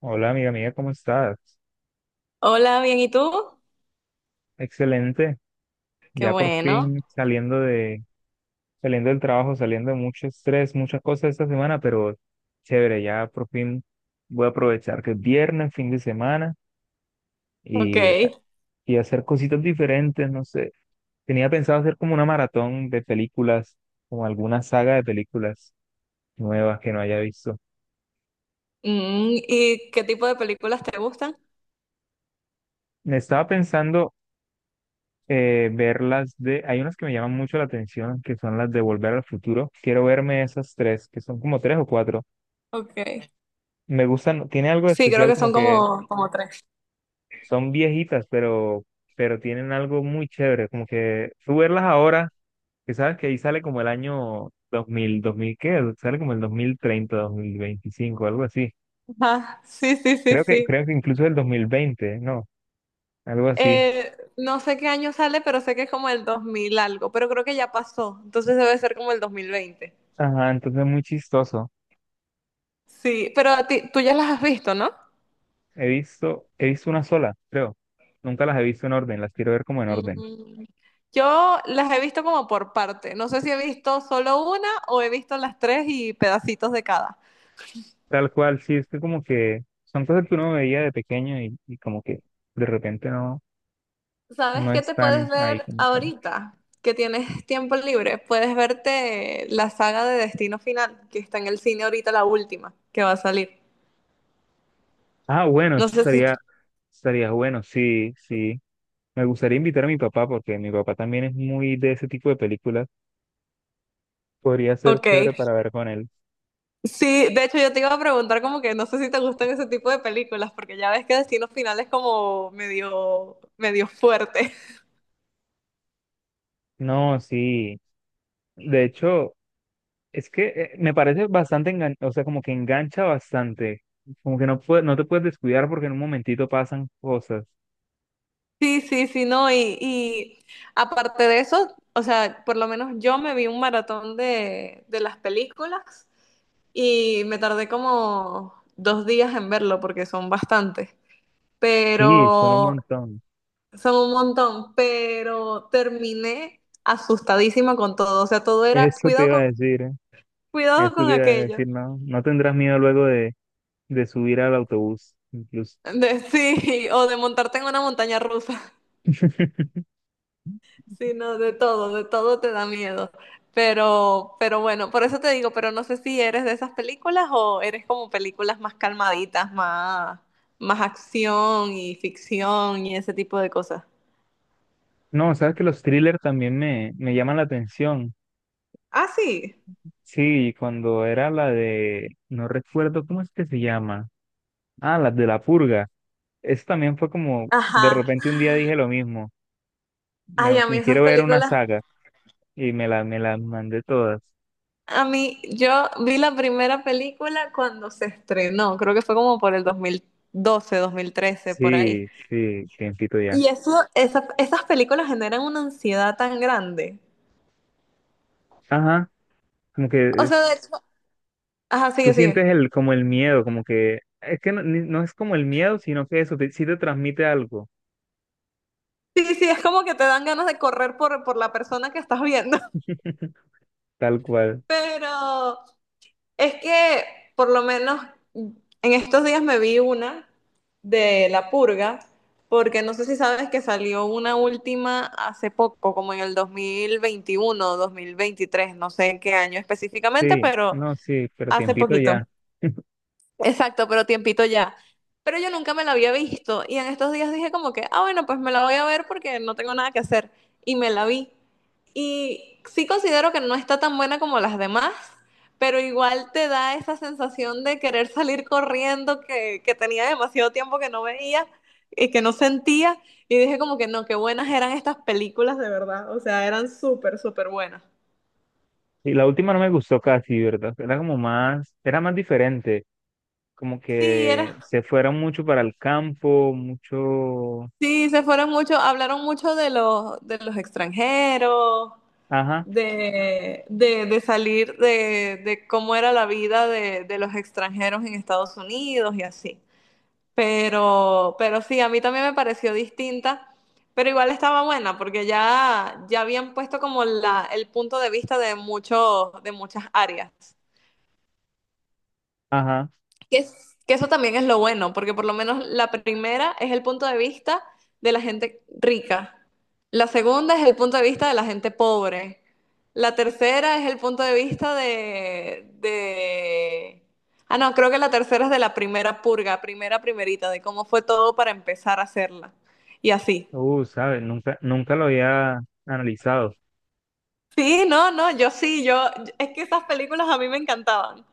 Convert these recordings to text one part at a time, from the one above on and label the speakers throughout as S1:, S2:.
S1: Hola amiga mía, ¿cómo estás?
S2: Hola, bien, ¿y tú?
S1: Excelente,
S2: Qué
S1: ya por
S2: bueno,
S1: fin saliendo del trabajo, saliendo de mucho estrés, muchas cosas esta semana, pero chévere, ya por fin voy a aprovechar que es viernes, fin de semana
S2: ok.
S1: y, y hacer cositas diferentes, no sé. Tenía pensado hacer como una maratón de películas, como alguna saga de películas nuevas que no haya visto.
S2: ¿Y qué tipo de películas te gustan?
S1: Me estaba pensando ver hay unas que me llaman mucho la atención, que son las de Volver al Futuro. Quiero verme esas tres, que son como tres o cuatro.
S2: Ok.
S1: Me gustan, tiene algo de
S2: Sí, creo
S1: especial
S2: que
S1: como
S2: son
S1: que
S2: como tres.
S1: son viejitas, pero tienen algo muy chévere, como que tú verlas ahora, que sabes que ahí sale como el año dos mil ¿qué? Sale como el 2030 2025 algo así.
S2: Ajá, sí, sí, sí,
S1: Creo que,
S2: sí.
S1: creo que incluso el 2020, ¿no? Algo así.
S2: No sé qué año sale, pero sé que es como el 2000 algo, pero creo que ya pasó, entonces debe ser como el 2020.
S1: Ajá, entonces es muy chistoso.
S2: Sí, pero a ti, tú ya las has visto, ¿no?
S1: He visto una sola, creo. Nunca las he visto en orden, las quiero ver como en orden.
S2: Mm, Yo las he visto como por parte. No sé si he visto solo una o he visto las tres y pedacitos de cada.
S1: Tal cual, sí, es que como que son cosas que uno veía de pequeño y como que de repente no,
S2: ¿Sabes
S1: no
S2: qué te
S1: están
S2: puedes
S1: ahí
S2: ver
S1: como están.
S2: ahorita? Que tienes tiempo libre. Puedes verte la saga de Destino Final, que está en el cine ahorita, la última, que va a salir.
S1: Ah, bueno,
S2: No
S1: eso
S2: sé si...
S1: estaría bueno, sí, sí. Me gustaría invitar a mi papá porque mi papá también es muy de ese tipo de películas. Podría ser
S2: Ok.
S1: chévere para ver con él.
S2: Sí, de hecho yo te iba a preguntar como que no sé si te gustan ese tipo de películas, porque ya ves que Destino Final es como medio, medio fuerte.
S1: No, sí. De hecho, es que me parece bastante o sea, como que engancha bastante. Como que no te puedes descuidar porque en un momentito pasan cosas.
S2: Sí, sí, sí, no. Y aparte de eso, o sea, por lo menos yo me vi un maratón de las películas. Y me tardé como 2 días en verlo porque son bastantes,
S1: Sí, son un
S2: pero
S1: montón.
S2: son un montón, pero terminé asustadísima con todo. O sea, todo era
S1: Eso te iba a decir, ¿eh?
S2: cuidado
S1: Eso
S2: con
S1: te iba a decir,
S2: aquello.
S1: no, no tendrás miedo luego de subir al autobús, incluso.
S2: Sí, o de montarte en una montaña rusa, sino de todo te da miedo. Pero bueno, por eso te digo, pero no sé si eres de esas películas o eres como películas más calmaditas, más acción y ficción y ese tipo de cosas.
S1: No, sabes que los thrillers también me llaman la atención.
S2: Ah, sí.
S1: Sí, cuando era la de, no recuerdo cómo es que se llama. Ah, la de La Purga. Eso también fue como, de
S2: Ajá.
S1: repente un día dije lo mismo. Me,
S2: Ay, a mí
S1: me
S2: esas
S1: quiero ver una
S2: películas.
S1: saga. Y me las mandé todas.
S2: A mí, yo vi la primera película cuando se estrenó, creo que fue como por el dos mil doce, 2013, por ahí.
S1: Sí, sí, tiempito ya.
S2: Y eso, esas películas generan una ansiedad tan grande.
S1: Ajá, como que
S2: O sea, de hecho,
S1: es,
S2: ajá,
S1: tú
S2: sigue,
S1: sientes
S2: sigue.
S1: como el miedo, como que, es que no, no es como el miedo, sino que sí te transmite algo,
S2: Sí, sí, es como que te dan ganas de correr por la persona que estás viendo.
S1: tal cual.
S2: Pero es que por lo menos en estos días me vi una de La Purga, porque no sé si sabes que salió una última hace poco, como en el 2021 2023 no sé en qué año específicamente,
S1: Sí,
S2: pero
S1: no, sí, pero
S2: hace
S1: tiempito
S2: poquito.
S1: ya.
S2: Exacto, pero tiempito ya. Pero yo nunca me la había visto y en estos días dije como que, ah, bueno, pues me la voy a ver porque no tengo nada que hacer. Y me la vi. Y sí considero que no está tan buena como las demás, pero igual te da esa sensación de querer salir corriendo que, tenía demasiado tiempo que no veía y que no sentía. Y dije como que no, qué buenas eran estas películas de verdad. O sea, eran súper, súper buenas.
S1: Y la última no me gustó casi, ¿verdad? Era más diferente, como
S2: Sí,
S1: que
S2: era
S1: se fueron mucho para el campo, mucho,
S2: sí, se fueron mucho, hablaron mucho de los extranjeros,
S1: ajá,
S2: de salir, de cómo era la vida de los extranjeros en Estados Unidos y así. Pero sí, a mí también me pareció distinta, pero igual estaba buena porque ya habían puesto como el punto de vista de muchas áreas.
S1: ajá,
S2: Que eso también es lo bueno, porque por lo menos la primera es el punto de vista de la gente rica, la segunda es el punto de vista de la gente pobre, la tercera es el punto de vista de. Ah, no, creo que la tercera es de la primera purga, primera primerita, de cómo fue todo para empezar a hacerla. Y así.
S1: ¿sabes? Nunca lo había analizado.
S2: Sí, no, no, yo sí, yo. Es que esas películas a mí me encantaban.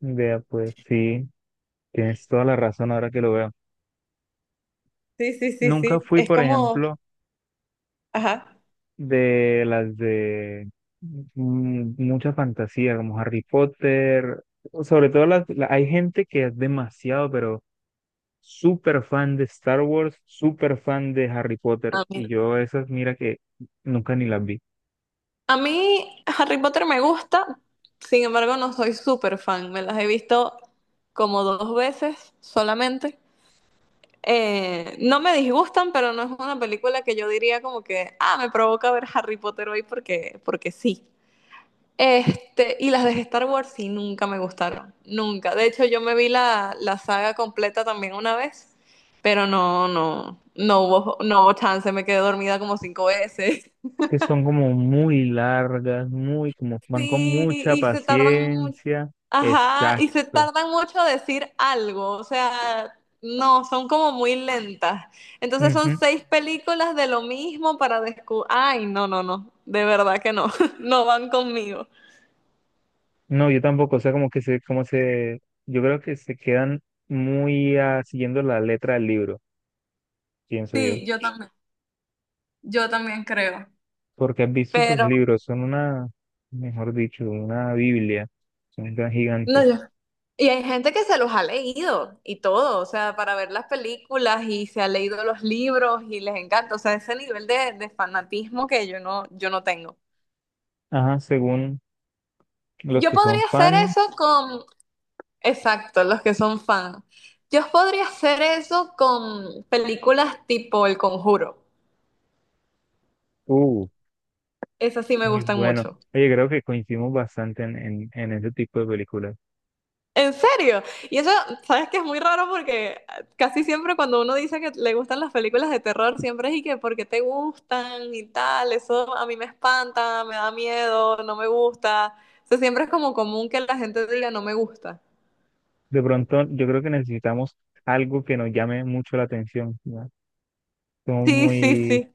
S1: Vea, pues sí, tienes toda la razón ahora que lo veo.
S2: Sí, sí, sí,
S1: Nunca
S2: sí.
S1: fui,
S2: Es
S1: por
S2: como.
S1: ejemplo,
S2: Ajá.
S1: de las de mucha fantasía, como Harry Potter, o sobre todo hay gente que es demasiado, pero súper fan de Star Wars, súper fan de Harry Potter, y yo esas, mira que nunca ni las vi,
S2: A mí Harry Potter me gusta, sin embargo no soy súper fan. Me las he visto como dos veces solamente. No me disgustan, pero no es una película que yo diría como que, ah, me provoca ver Harry Potter hoy porque sí. Y las de Star Wars sí nunca me gustaron, nunca. De hecho, yo me vi la saga completa también una vez, pero no, no, no hubo chance, me quedé dormida como cinco veces.
S1: que son como muy largas, muy, como van con
S2: Sí,
S1: mucha
S2: y se tardan mucho.
S1: paciencia.
S2: Ajá, y se
S1: Exacto.
S2: tardan mucho a decir algo, o sea, no, son como muy lentas. Entonces son seis películas de lo mismo para descubrir. Ay, no, no, no, de verdad que no, no van conmigo.
S1: No, yo tampoco, o sea, como que yo creo que se quedan muy siguiendo la letra del libro, pienso yo,
S2: Sí, yo también creo.
S1: porque has visto esos
S2: Pero,
S1: libros, son una, mejor dicho, una Biblia, son tan
S2: no,
S1: gigantes.
S2: yo. Y hay gente que se los ha leído y todo, o sea, para ver las películas y se ha leído los libros y les encanta, o sea, ese nivel de fanatismo que yo no tengo.
S1: Ajá, según los
S2: Yo
S1: que son
S2: podría hacer
S1: fan.
S2: eso con, exacto, los que son fan. Yo podría hacer eso con películas tipo El Conjuro.
S1: uh,
S2: Esas sí me
S1: Muy
S2: gustan
S1: bueno.
S2: mucho.
S1: Oye, creo que coincidimos bastante en ese tipo de películas.
S2: En serio. Y eso, sabes que es muy raro porque casi siempre cuando uno dice que le gustan las películas de terror, siempre es y que porque te gustan y tal, eso a mí me espanta, me da miedo, no me gusta. O sea, siempre es como común que la gente diga no me gusta.
S1: De pronto, yo creo que necesitamos algo que nos llame mucho la atención, ¿no? Somos
S2: Sí, sí,
S1: muy,
S2: sí.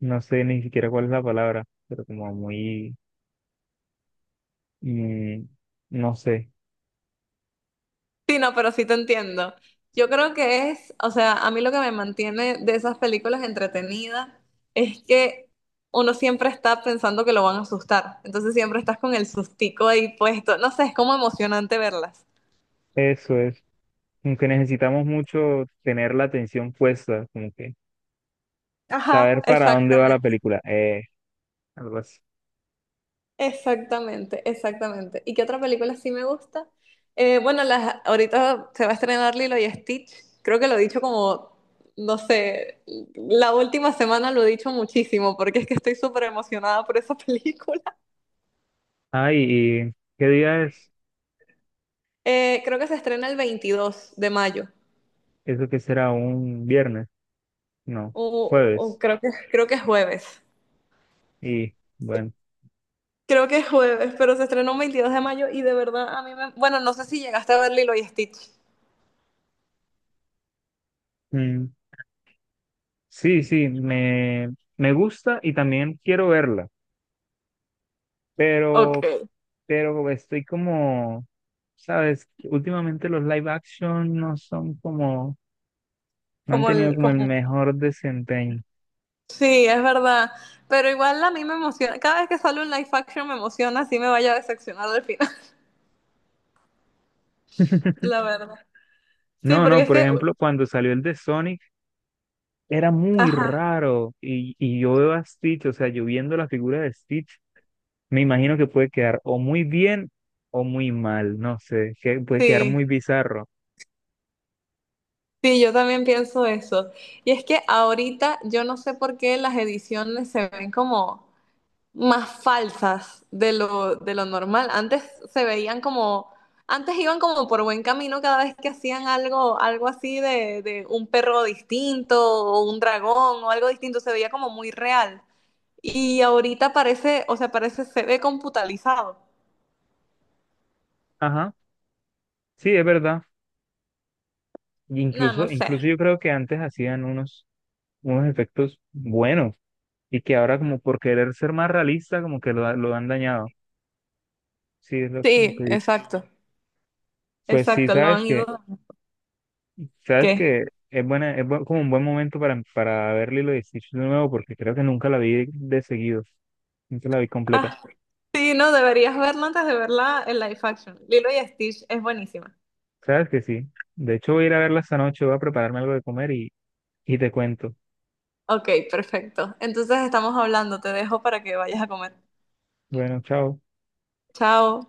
S1: no sé ni siquiera cuál es la palabra, pero como muy Mm, no sé,
S2: Sí, no, pero sí te entiendo. Yo creo que es, o sea, a mí lo que me mantiene de esas películas entretenidas es que uno siempre está pensando que lo van a asustar. Entonces siempre estás con el sustico ahí puesto. No sé, es como emocionante verlas.
S1: eso es. Como que necesitamos mucho tener la atención puesta, como que
S2: Ajá,
S1: saber para dónde va la
S2: exactamente.
S1: película. Algo así.
S2: Exactamente, exactamente. ¿Y qué otra película sí me gusta? Bueno, ahorita se va a estrenar Lilo y Stitch. Creo que lo he dicho como, no sé, la última semana lo he dicho muchísimo porque es que estoy súper emocionada por esa película.
S1: Ay, ¿y qué día es?
S2: Creo que se estrena el 22 de mayo.
S1: ¿Eso que será un viernes? No,
S2: O, o
S1: jueves.
S2: creo que, es jueves.
S1: Y bueno,
S2: Creo que es jueves, pero se estrenó el 22 de mayo y de verdad a mí me. Bueno, no sé si llegaste a ver Lilo y Stitch.
S1: mm, sí, sí, me gusta y también quiero verla,
S2: Ok.
S1: pero, pero estoy como, ¿sabes? Últimamente los live action no son como. No han
S2: Como
S1: tenido
S2: el,
S1: como el
S2: como
S1: mejor desempeño.
S2: Sí, es verdad. Pero igual a mí me emociona. Cada vez que sale un live action me emociona, así me vaya a decepcionar al final, la verdad. Sí,
S1: No,
S2: porque
S1: no,
S2: es
S1: por
S2: que,
S1: ejemplo, cuando salió el de Sonic, era muy
S2: ajá,
S1: raro. Y yo veo a Stitch, o sea, yo viendo la figura de Stitch, me imagino que puede quedar o muy bien o muy mal, no sé, que puede quedar muy
S2: sí,
S1: bizarro.
S2: sí, yo también pienso eso. Y es que ahorita yo no sé por qué las ediciones se ven como más falsas de lo normal. Antes se veían como, antes iban como por buen camino cada vez que hacían algo, algo así de un perro distinto o un dragón o algo distinto, se veía como muy real. Y ahorita parece, o sea, parece, se ve computalizado.
S1: Ajá, sí, es verdad. Y
S2: No, no
S1: Incluso,
S2: sé.
S1: incluso yo creo que antes hacían unos efectos buenos y que ahora como por querer ser más realista, como que lo han dañado. Sí, es lo
S2: Sí,
S1: que he dicho.
S2: exacto,
S1: Pues sí,
S2: exacto, lo
S1: sabes
S2: han
S1: que
S2: ido.
S1: Sabes
S2: ¿Qué?
S1: que es buena, como un buen momento para ver Lilo y Stitch de nuevo, porque creo que nunca la vi de seguido, nunca la vi completa.
S2: Ah, sí, no, deberías verla antes de verla en live action. Lilo y Stitch es buenísima.
S1: Sabes que sí. De hecho, voy a ir a verla esta noche, voy a prepararme algo de comer y te cuento.
S2: Ok, perfecto. Entonces estamos hablando, te dejo para que vayas a comer.
S1: Bueno, chao.
S2: Chao.